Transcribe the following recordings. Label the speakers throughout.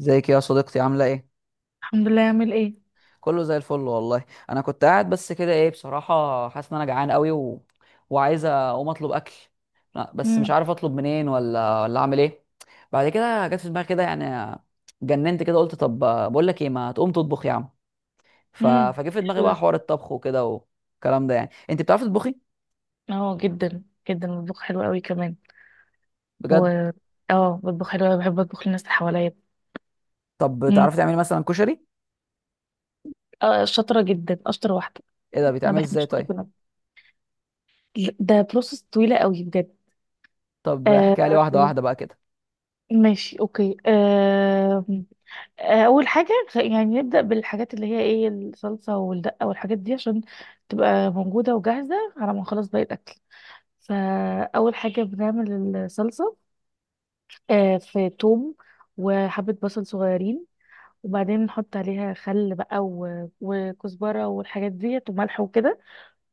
Speaker 1: ازيك يا صديقتي، عامله ايه؟
Speaker 2: الحمد لله. يعمل ايه؟
Speaker 1: كله زي الفل والله. انا كنت قاعد بس كده، ايه بصراحه، حاسس ان انا جعان قوي وعايز اقوم اطلب اكل. لا بس مش
Speaker 2: امم
Speaker 1: عارف اطلب منين ولا اعمل ايه. بعد كده جت في دماغي كده يعني، جننت كده قلت طب، بقول لك ايه، ما تقوم تطبخ يا عم. فجه في دماغي
Speaker 2: حلو ده.
Speaker 1: بقى حوار الطبخ وكده والكلام ده، يعني انت بتعرفي تطبخي؟
Speaker 2: اه، جدا. جدا بطبخ حلو قوي كمان. و
Speaker 1: بجد؟
Speaker 2: اه بطبخ حلو قوي، بحب اطبخ للناس اللي حواليا.
Speaker 1: طب
Speaker 2: امم
Speaker 1: بتعرفي تعملي مثلا كشري؟
Speaker 2: آه، شاطره جدا، اشطر واحده.
Speaker 1: ايه ده،
Speaker 2: ما
Speaker 1: بيتعمل ازاي
Speaker 2: بحبش كل
Speaker 1: طيب؟
Speaker 2: كلام، ده بروسس طويله قوي بجد.
Speaker 1: طب احكي لي
Speaker 2: آه،
Speaker 1: واحده واحده بقى كده.
Speaker 2: ماشي، اوكي، آه. اول حاجه يعني نبدا بالحاجات اللي هي ايه، الصلصه والدقه والحاجات دي، عشان تبقى موجوده وجاهزه على ما نخلص باقي الاكل. فاول حاجه بنعمل الصلصه. في توم وحبة بصل صغيرين، وبعدين نحط عليها خل بقى وكزبرة والحاجات ديت وملح وكده.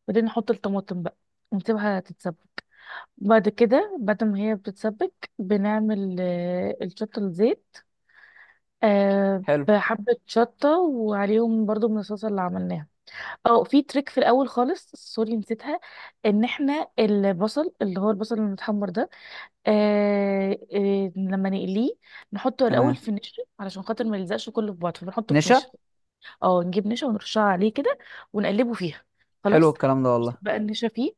Speaker 2: وبعدين نحط الطماطم بقى ونسيبها تتسبك. بعد كده بعد ما هي بتتسبك بنعمل الشطة الزيت.
Speaker 1: حلو.
Speaker 2: بحبة شطة، وعليهم برضو من الصلصة اللي عملناها. اه، في تريك في الأول خالص، سوري نسيتها. ان احنا البصل، اللي هو البصل المتحمر ده، لما نقليه نحطه الاول
Speaker 1: تمام.
Speaker 2: في نشا، علشان خاطر ما يلزقش كله في بعض، فبنحطه في
Speaker 1: نشا.
Speaker 2: نشا. اه، نجيب نشا ونرشها عليه كده ونقلبه فيها،
Speaker 1: حلو
Speaker 2: خلاص.
Speaker 1: الكلام ده والله.
Speaker 2: نكتب بقى النشا فيه،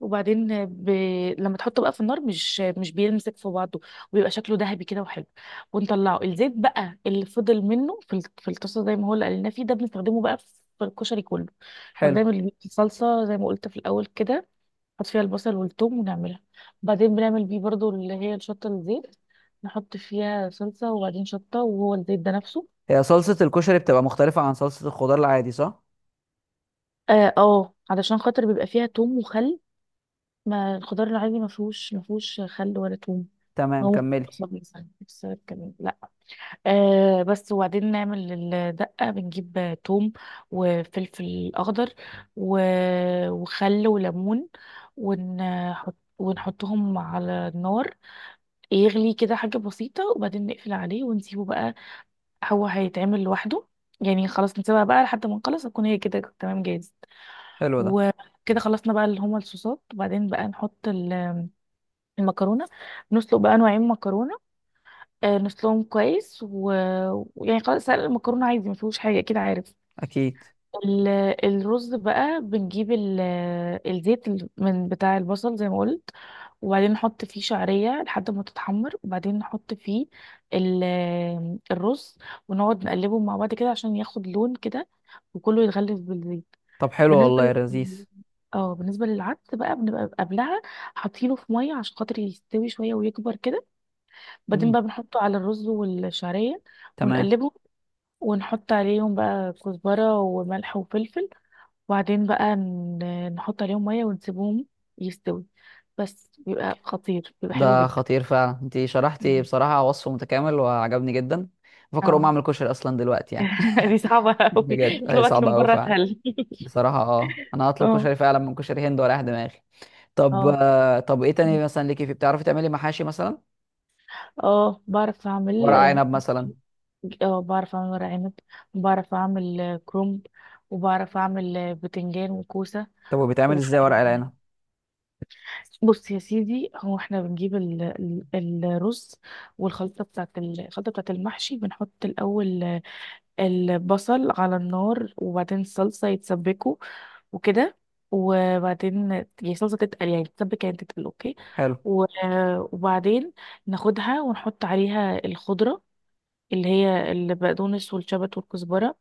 Speaker 2: وبعدين لما تحطه بقى في النار مش بيمسك في بعضه، وبيبقى شكله ذهبي كده وحلو. ونطلعه الزيت بقى اللي فضل منه في في الطاسه، زي ما هو، اللي قلنا فيه ده بنستخدمه بقى في الكشري كله.
Speaker 1: حلو.
Speaker 2: فبنعمل بيه صلصه زي ما قلت في الاول كده، نحط فيها البصل والثوم ونعملها. وبعدين بنعمل بيه برضو اللي هي الشطة الزيت، نحط فيها صلصة وبعدين شطة، وهو الزيت ده نفسه.
Speaker 1: هي صلصة الكشري بتبقى مختلفة عن صلصة الخضار العادي صح؟
Speaker 2: اه، علشان خاطر بيبقى فيها توم وخل، ما الخضار العادي ما فيهوش خل ولا توم.
Speaker 1: تمام
Speaker 2: هو ممكن
Speaker 1: كملي.
Speaker 2: بصل مثلا بسبب كمان، لا. بس. وبعدين نعمل الدقة، بنجيب توم وفلفل أخضر و... وخل وليمون، ونحطهم على النار. يغلي كده حاجة بسيطة وبعدين نقفل عليه ونسيبه بقى، هو هيتعمل لوحده. يعني خلاص نسيبها بقى لحد ما نخلص، هتكون هي كده تمام جاهز.
Speaker 1: حلو ده.
Speaker 2: وكده خلصنا بقى اللي هما الصوصات، وبعدين بقى نحط المكرونة. نسلق بقى نوعين مكرونة، نسلقهم كويس ويعني خلاص، سلق المكرونة عادي ما فيهوش حاجة كده، عارف.
Speaker 1: أكيد.
Speaker 2: ال- الرز بقى بنجيب الزيت من بتاع البصل زي ما قلت، وبعدين نحط فيه شعرية لحد ما تتحمر، وبعدين نحط فيه ال- الرز، ونقعد نقلبه مع بعض كده عشان ياخد لون كده وكله يتغلف بالزيت.
Speaker 1: طب حلو
Speaker 2: بالنسبة
Speaker 1: والله يا لذيذ.
Speaker 2: لل... اه بالنسبة للعدس بقى، بنبقى قبلها حاطينه في مية عشان خاطر يستوي شوية ويكبر كده، بعدين
Speaker 1: مم.
Speaker 2: بقى بنحطه على الرز والشعرية
Speaker 1: تمام.
Speaker 2: ونقلبه، ونحط عليهم بقى كزبرة وملح وفلفل، وبعدين بقى نحط عليهم ميه ونسيبهم يستوي. بس بيبقى خطير، بيبقى حلو
Speaker 1: ده
Speaker 2: جدا.
Speaker 1: خطير فعلا، انتي شرحتي
Speaker 2: مم.
Speaker 1: بصراحة وصف متكامل وعجبني جدا. بفكر أقوم
Speaker 2: اه.
Speaker 1: أعمل كشري أصلا دلوقتي يعني.
Speaker 2: دي صعبة قوي،
Speaker 1: بجد هي
Speaker 2: اطلب اكل
Speaker 1: صعبة
Speaker 2: من
Speaker 1: أوي
Speaker 2: بره
Speaker 1: فعلا.
Speaker 2: اسهل.
Speaker 1: بصراحة اه، أنا هطلب
Speaker 2: اه.
Speaker 1: كشري فعلا من كشري هند ورايح دماغي. طب
Speaker 2: اه
Speaker 1: طب إيه تاني مثلا ليكي، في بتعرفي تعملي محاشي مثلا؟
Speaker 2: اه، بعرف اعمل.
Speaker 1: ورق عنب مثلا.
Speaker 2: اه، بعرف اعمل ورق عنب، وبعرف اعمل كرومب، وبعرف اعمل بتنجان وكوسة.
Speaker 1: طب وبيتعمل
Speaker 2: و-
Speaker 1: إزاي ورق العنب؟
Speaker 2: بص يا سيدي، هو احنا بنجيب الرز، والخلطة بتاعت ال- الخلطة بتاعت المحشي. بنحط الأول البصل على النار، وبعدين الصلصة يتسبكوا وكده، وبعدين يعني الصلصة تتقل، يعني تتسبك، يعني تتقل، اوكي.
Speaker 1: حلو.
Speaker 2: و- وبعدين ناخدها ونحط عليها الخضرة اللي هي البقدونس والشبت والكزبرة،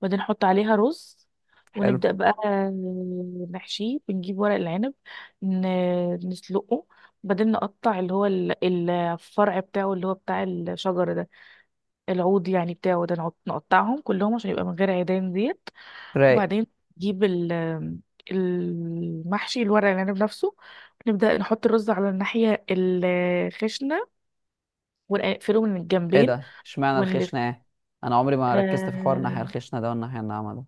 Speaker 2: وبعدين نحط عليها رز،
Speaker 1: حلو.
Speaker 2: ونبدأ بقى نحشيه. بنجيب ورق العنب، نسلقه، وبعدين نقطع اللي هو الفرع بتاعه اللي هو بتاع الشجر ده، العود يعني بتاعه ده، نقطعهم كلهم عشان يبقى من غير عيدان ديت.
Speaker 1: رايق.
Speaker 2: وبعدين نجيب المحشي، الورق العنب نفسه، نبدأ نحط الرز على الناحية الخشنة ونقفله من
Speaker 1: ايه
Speaker 2: الجنبين
Speaker 1: ده، اشمعنى
Speaker 2: ونلف.
Speaker 1: الخشنة ايه؟ انا عمري ما ركزت في حوار الناحية
Speaker 2: آه
Speaker 1: الخشنة ده والناحية الناعمة ده.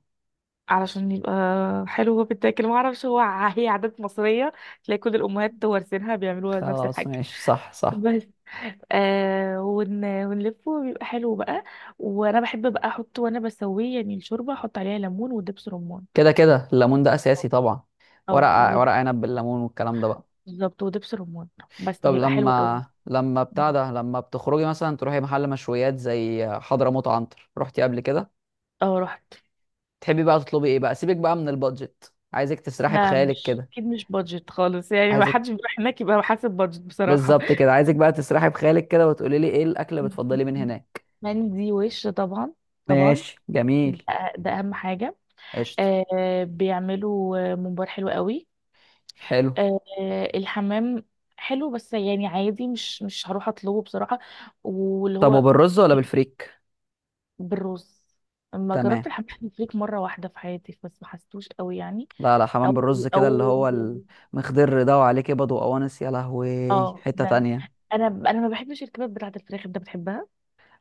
Speaker 2: علشان يبقى حلو وبيتاكل، ما اعرفش، هو هي عادات مصرية، تلاقي كل الأمهات وارثينها بيعملوها نفس
Speaker 1: خلاص
Speaker 2: الحاجة.
Speaker 1: ماشي، صح صح.
Speaker 2: بس ونلفه، بيبقى حلو بقى. وانا بحب بقى احط وانا بسويه، يعني الشوربه احط عليها ليمون ودبس رمان.
Speaker 1: كده كده الليمون ده اساسي طبعا.
Speaker 2: اه،
Speaker 1: ورق عنب بالليمون والكلام ده بقى.
Speaker 2: بالظبط، ودبس رمان، بس
Speaker 1: طب
Speaker 2: بيبقى حلو قوي.
Speaker 1: لما بتاع ده، لما بتخرجي مثلا تروحي محل مشويات زي حضرموت عنتر، رحتي قبل كده؟
Speaker 2: اه، رحت.
Speaker 1: تحبي بقى تطلبي ايه بقى، سيبك بقى من البادجت، عايزك تسرحي
Speaker 2: لا،
Speaker 1: بخيالك
Speaker 2: مش
Speaker 1: كده.
Speaker 2: اكيد مش بادجت خالص، يعني ما
Speaker 1: عايزك،
Speaker 2: حدش بيروح هناك يبقى حاسب بادجت بصراحه.
Speaker 1: بالظبط كده، عايزك بقى تسرحي بخيالك كده وتقولي لي ايه الاكل اللي بتفضلي من هناك.
Speaker 2: مندي وش طبعا. طبعا.
Speaker 1: ماشي جميل.
Speaker 2: ده اهم حاجه.
Speaker 1: قشطة.
Speaker 2: بيعملوا ممبار حلو قوي.
Speaker 1: حلو.
Speaker 2: آه، الحمام حلو، بس يعني عادي، مش هروح اطلبه بصراحة. واللي
Speaker 1: طب
Speaker 2: هو
Speaker 1: وبالرز ولا بالفريك؟
Speaker 2: بالرز. لما جربت
Speaker 1: تمام.
Speaker 2: الحمام الفريك مرة واحدة في حياتي، بس ما حسيتوش قوي يعني.
Speaker 1: لا لا،
Speaker 2: او
Speaker 1: حمام بالرز كده، اللي
Speaker 2: او
Speaker 1: هو المخضر ده وعليه كبد وقوانص، يا لهوي،
Speaker 2: اه،
Speaker 1: حتة
Speaker 2: ده.
Speaker 1: تانية.
Speaker 2: انا ما بحبش الكباب بتاعة الفراخ، انت بتحبها؟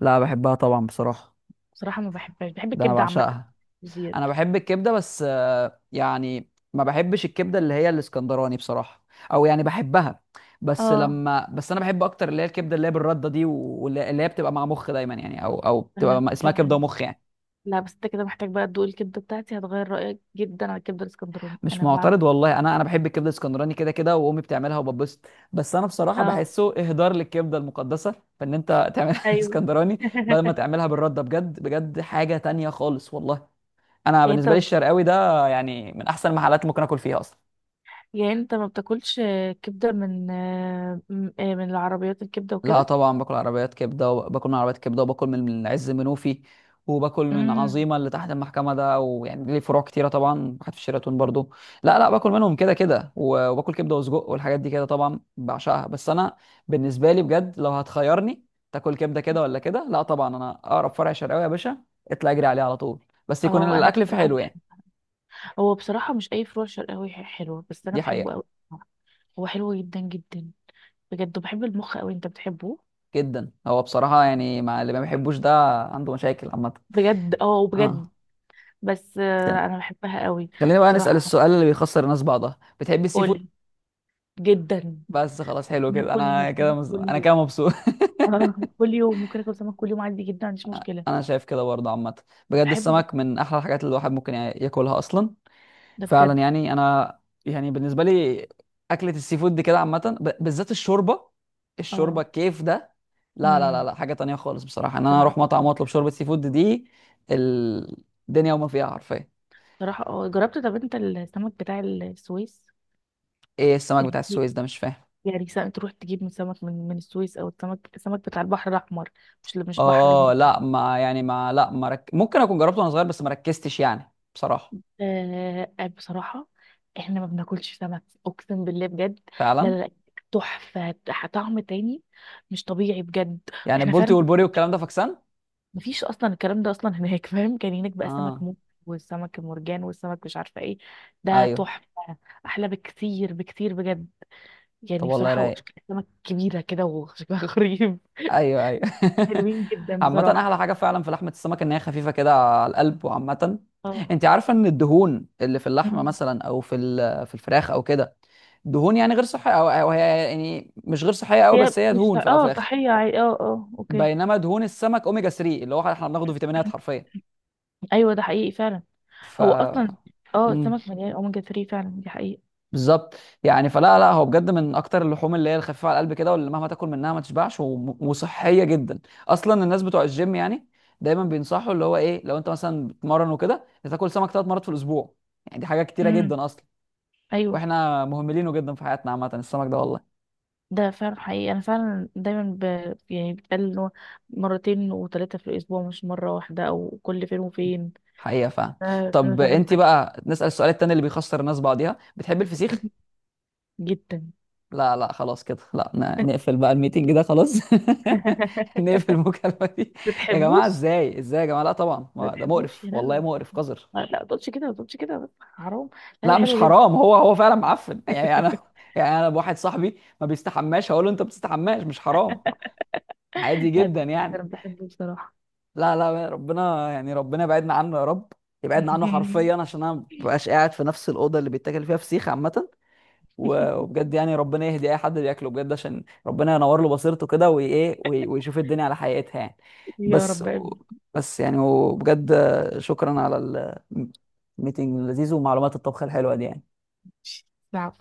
Speaker 1: لا، بحبها طبعا بصراحة.
Speaker 2: بصراحة ما بحبهاش، بحب
Speaker 1: ده انا
Speaker 2: الكبدة عامة،
Speaker 1: بعشقها.
Speaker 2: مش ديت.
Speaker 1: انا بحب الكبدة بس، يعني ما بحبش الكبدة اللي هي الاسكندراني بصراحة. او يعني بحبها. بس
Speaker 2: اه،
Speaker 1: لما بس انا بحب اكتر اللي هي الكبدة اللي هي بالردة دي، واللي هي بتبقى مع مخ دايما يعني، او
Speaker 2: انا
Speaker 1: بتبقى اسمها كبدة
Speaker 2: كمان.
Speaker 1: ومخ يعني.
Speaker 2: لا بس انت كده محتاج بقى تدوق الكبدة بتاعتي، هتغير رأيك جدا على الكبدة الاسكندراني،
Speaker 1: مش
Speaker 2: انا بعمل.
Speaker 1: معترض والله، انا بحب الكبده الاسكندراني كده كده، وامي بتعملها وببسط. بس انا بصراحه
Speaker 2: اه،
Speaker 1: بحسه اهدار للكبده المقدسه. فان انت تعملها
Speaker 2: ايوه.
Speaker 1: اسكندراني بدل ما تعملها بالرده، بجد بجد حاجه تانية خالص والله. انا
Speaker 2: يعني
Speaker 1: بالنسبه لي
Speaker 2: انت
Speaker 1: الشرقاوي ده يعني من احسن المحلات اللي ممكن اكل فيها اصلا.
Speaker 2: يعني انت ما بتاكلش كبدة من من العربيات، الكبدة
Speaker 1: لا
Speaker 2: وكده.
Speaker 1: طبعا، باكل عربيات كبده وباكل من عربيات كبده وباكل من عز منوفي، وباكل من
Speaker 2: امم
Speaker 1: عظيمه اللي تحت المحكمه ده، ويعني ليه فروع كتيره طبعا، واحد في شيراتون برضو. لا لا باكل منهم كده كده، وباكل كبده وسجق والحاجات دي كده طبعا بعشقها. بس انا بالنسبه لي بجد، لو هتخيرني تاكل كبده كده ولا كده، لا طبعا، انا اقرب فرع شرقاوي يا باشا اطلع اجري عليه على طول، بس يكون
Speaker 2: اه، انا
Speaker 1: الاكل فيه
Speaker 2: بصراحة
Speaker 1: حلو يعني.
Speaker 2: بحب. هو بصراحة مش اي فروع شرقاوي حلوة، بس انا
Speaker 1: دي
Speaker 2: بحبه
Speaker 1: حقيقه.
Speaker 2: قوي. هو حلو جدا جدا بجد، وبحب المخ قوي، انت بتحبه؟
Speaker 1: جدا، هو بصراحه يعني مع اللي ما بيحبوش ده عنده مشاكل عامه.
Speaker 2: بجد، اه، بجد.
Speaker 1: اه.
Speaker 2: بس انا بحبها قوي.
Speaker 1: خلينا بقى نسأل
Speaker 2: بصراحة،
Speaker 1: السؤال اللي بيخسر الناس بعضها، بتحب السي فود؟
Speaker 2: قول. جدا.
Speaker 1: بس خلاص حلو
Speaker 2: انا
Speaker 1: كده،
Speaker 2: اكل سمك كل
Speaker 1: انا كده
Speaker 2: يوم.
Speaker 1: مبسوط.
Speaker 2: اه، كل يوم ممكن اكل سمك كل يوم عادي جدا، ما عنديش مشكلة.
Speaker 1: انا شايف كده برضه عامه، بجد
Speaker 2: بحبه جدا،
Speaker 1: السمك من احلى الحاجات اللي الواحد ممكن ياكلها اصلا.
Speaker 2: ده بجد.
Speaker 1: فعلا يعني انا، يعني بالنسبه لي اكله السي فود دي كده عامه، بالذات الشوربه، الشوربه
Speaker 2: اه.
Speaker 1: الكيف ده، لا لا لا
Speaker 2: امم
Speaker 1: لا، حاجه تانية خالص بصراحه ان انا
Speaker 2: بصراحة
Speaker 1: اروح مطعم
Speaker 2: فظيع.
Speaker 1: واطلب شوربه سي فود دي، الدنيا وما فيها حرفيا.
Speaker 2: صراحة اه، جربت. طب انت السمك بتاع السويس،
Speaker 1: ايه السمك بتاع
Speaker 2: اللي-
Speaker 1: السويس ده، مش فاهم.
Speaker 2: يعني سمك تروح تجيب من سمك من السويس، او السمك بتاع البحر الاحمر، مش بحر
Speaker 1: اه
Speaker 2: المتوسط.
Speaker 1: لا، ما يعني ما لا ما رك... ممكن اكون جربته وانا صغير بس ما ركزتش يعني بصراحه.
Speaker 2: بصراحة احنا ما بناكلش سمك، اقسم بالله بجد. لا
Speaker 1: فعلا.
Speaker 2: لا لا، تحفة، طعم تاني، مش طبيعي بجد.
Speaker 1: يعني
Speaker 2: احنا
Speaker 1: البولتي
Speaker 2: فعلا
Speaker 1: والبوري والكلام ده فاكسان.
Speaker 2: مفيش اصلا الكلام ده اصلا هناك. فاهم؟ كان هناك بقى سمك
Speaker 1: اه
Speaker 2: موت، والسمك المرجان، والسمك مش عارفة ايه، ده
Speaker 1: ايوه.
Speaker 2: تحفة. احلى بكتير بكتير بجد.
Speaker 1: طب
Speaker 2: يعني
Speaker 1: والله
Speaker 2: بصراحة هو
Speaker 1: رايق.
Speaker 2: شكل سمك كبيرة كده وشكلها غريب،
Speaker 1: ايوه ايوه.
Speaker 2: حلوين جدا
Speaker 1: عامه
Speaker 2: بصراحة.
Speaker 1: احلى حاجه فعلا في لحمه السمك ان هي خفيفه كده على القلب وعامه.
Speaker 2: اه.
Speaker 1: انت عارفه ان الدهون اللي في اللحمه
Speaker 2: مم.
Speaker 1: مثلا او في في الفراخ او كده، دهون يعني غير صحيه، او هي يعني مش غير صحيه قوي،
Speaker 2: هي
Speaker 1: بس هي
Speaker 2: مش
Speaker 1: دهون في الاول وفي الاخر.
Speaker 2: صحية عادي، اه اه، اوكي.
Speaker 1: بينما دهون السمك اوميجا 3 اللي هو احنا بناخده فيتامينات حرفيا.
Speaker 2: ايوه، ده حقيقي فعلا.
Speaker 1: ف
Speaker 2: هو اصلا، اه
Speaker 1: مم.
Speaker 2: السمك مليان اوميجا 3 فعلا، دي حقيقة.
Speaker 1: بالظبط. يعني فلا لا هو بجد من اكتر اللحوم اللي هي الخفيفه على القلب كده، واللي مهما تاكل منها ما تشبعش، وصحيه جدا اصلا. الناس بتوع الجيم يعني دايما بينصحوا اللي هو ايه، لو انت مثلا بتمرن وكده تاكل سمك 3 مرات في الاسبوع، يعني دي حاجه كتيره
Speaker 2: امم
Speaker 1: جدا اصلا.
Speaker 2: ايوه،
Speaker 1: واحنا مهملينه جدا في حياتنا عامه السمك ده والله.
Speaker 2: ده فعلا حقيقي، انا فعلا دايما يعني بتقال ان هو مرتين وثلاثة في الاسبوع، مش مرة واحدة او كل فين وفين.
Speaker 1: حقيقه فعلا.
Speaker 2: انا
Speaker 1: طب
Speaker 2: تعبان
Speaker 1: انت
Speaker 2: معاك.
Speaker 1: بقى نسال السؤال التاني اللي بيخسر الناس بعضيها، بتحب الفسيخ؟
Speaker 2: جدا.
Speaker 1: لا لا خلاص كده، لا نقفل بقى الميتنج ده خلاص. نقفل المكالمة دي. يا جماعة
Speaker 2: بتحبوش؟
Speaker 1: ازاي، ازاي يا جماعة، لا طبعا ما ده
Speaker 2: بتحبوش
Speaker 1: مقرف
Speaker 2: يا
Speaker 1: والله،
Speaker 2: لهوي!
Speaker 1: مقرف قذر.
Speaker 2: لا، ما تقولش كده، ما تقولش كده، بس حرام. لا، ده
Speaker 1: لا مش
Speaker 2: حلو جدا.
Speaker 1: حرام، هو فعلا معفن. يعني انا، بواحد صاحبي ما بيستحماش هقول له انت بتستحماش مش حرام؟ عادي
Speaker 2: لا، ده
Speaker 1: جدا
Speaker 2: حلو جدا،
Speaker 1: يعني.
Speaker 2: أنا بحبه بصراحة.
Speaker 1: لا لا ربنا يعني، ربنا يبعدنا عنه يا رب. يبعدنا عنه حرفيا عشان انا ما ببقاش قاعد في نفس الأوضة اللي بيتاكل فيها فسيخ عامة. وبجد يعني ربنا يهدي اي حد بياكله بجد عشان ربنا ينور له بصيرته كده وايه، ويشوف الدنيا على حقيقتها يعني.
Speaker 2: يا
Speaker 1: بس
Speaker 2: رب.
Speaker 1: بس يعني وبجد، شكرا على الميتنج اللذيذ ومعلومات الطبخ الحلوة دي يعني.
Speaker 2: ماشي. نعم.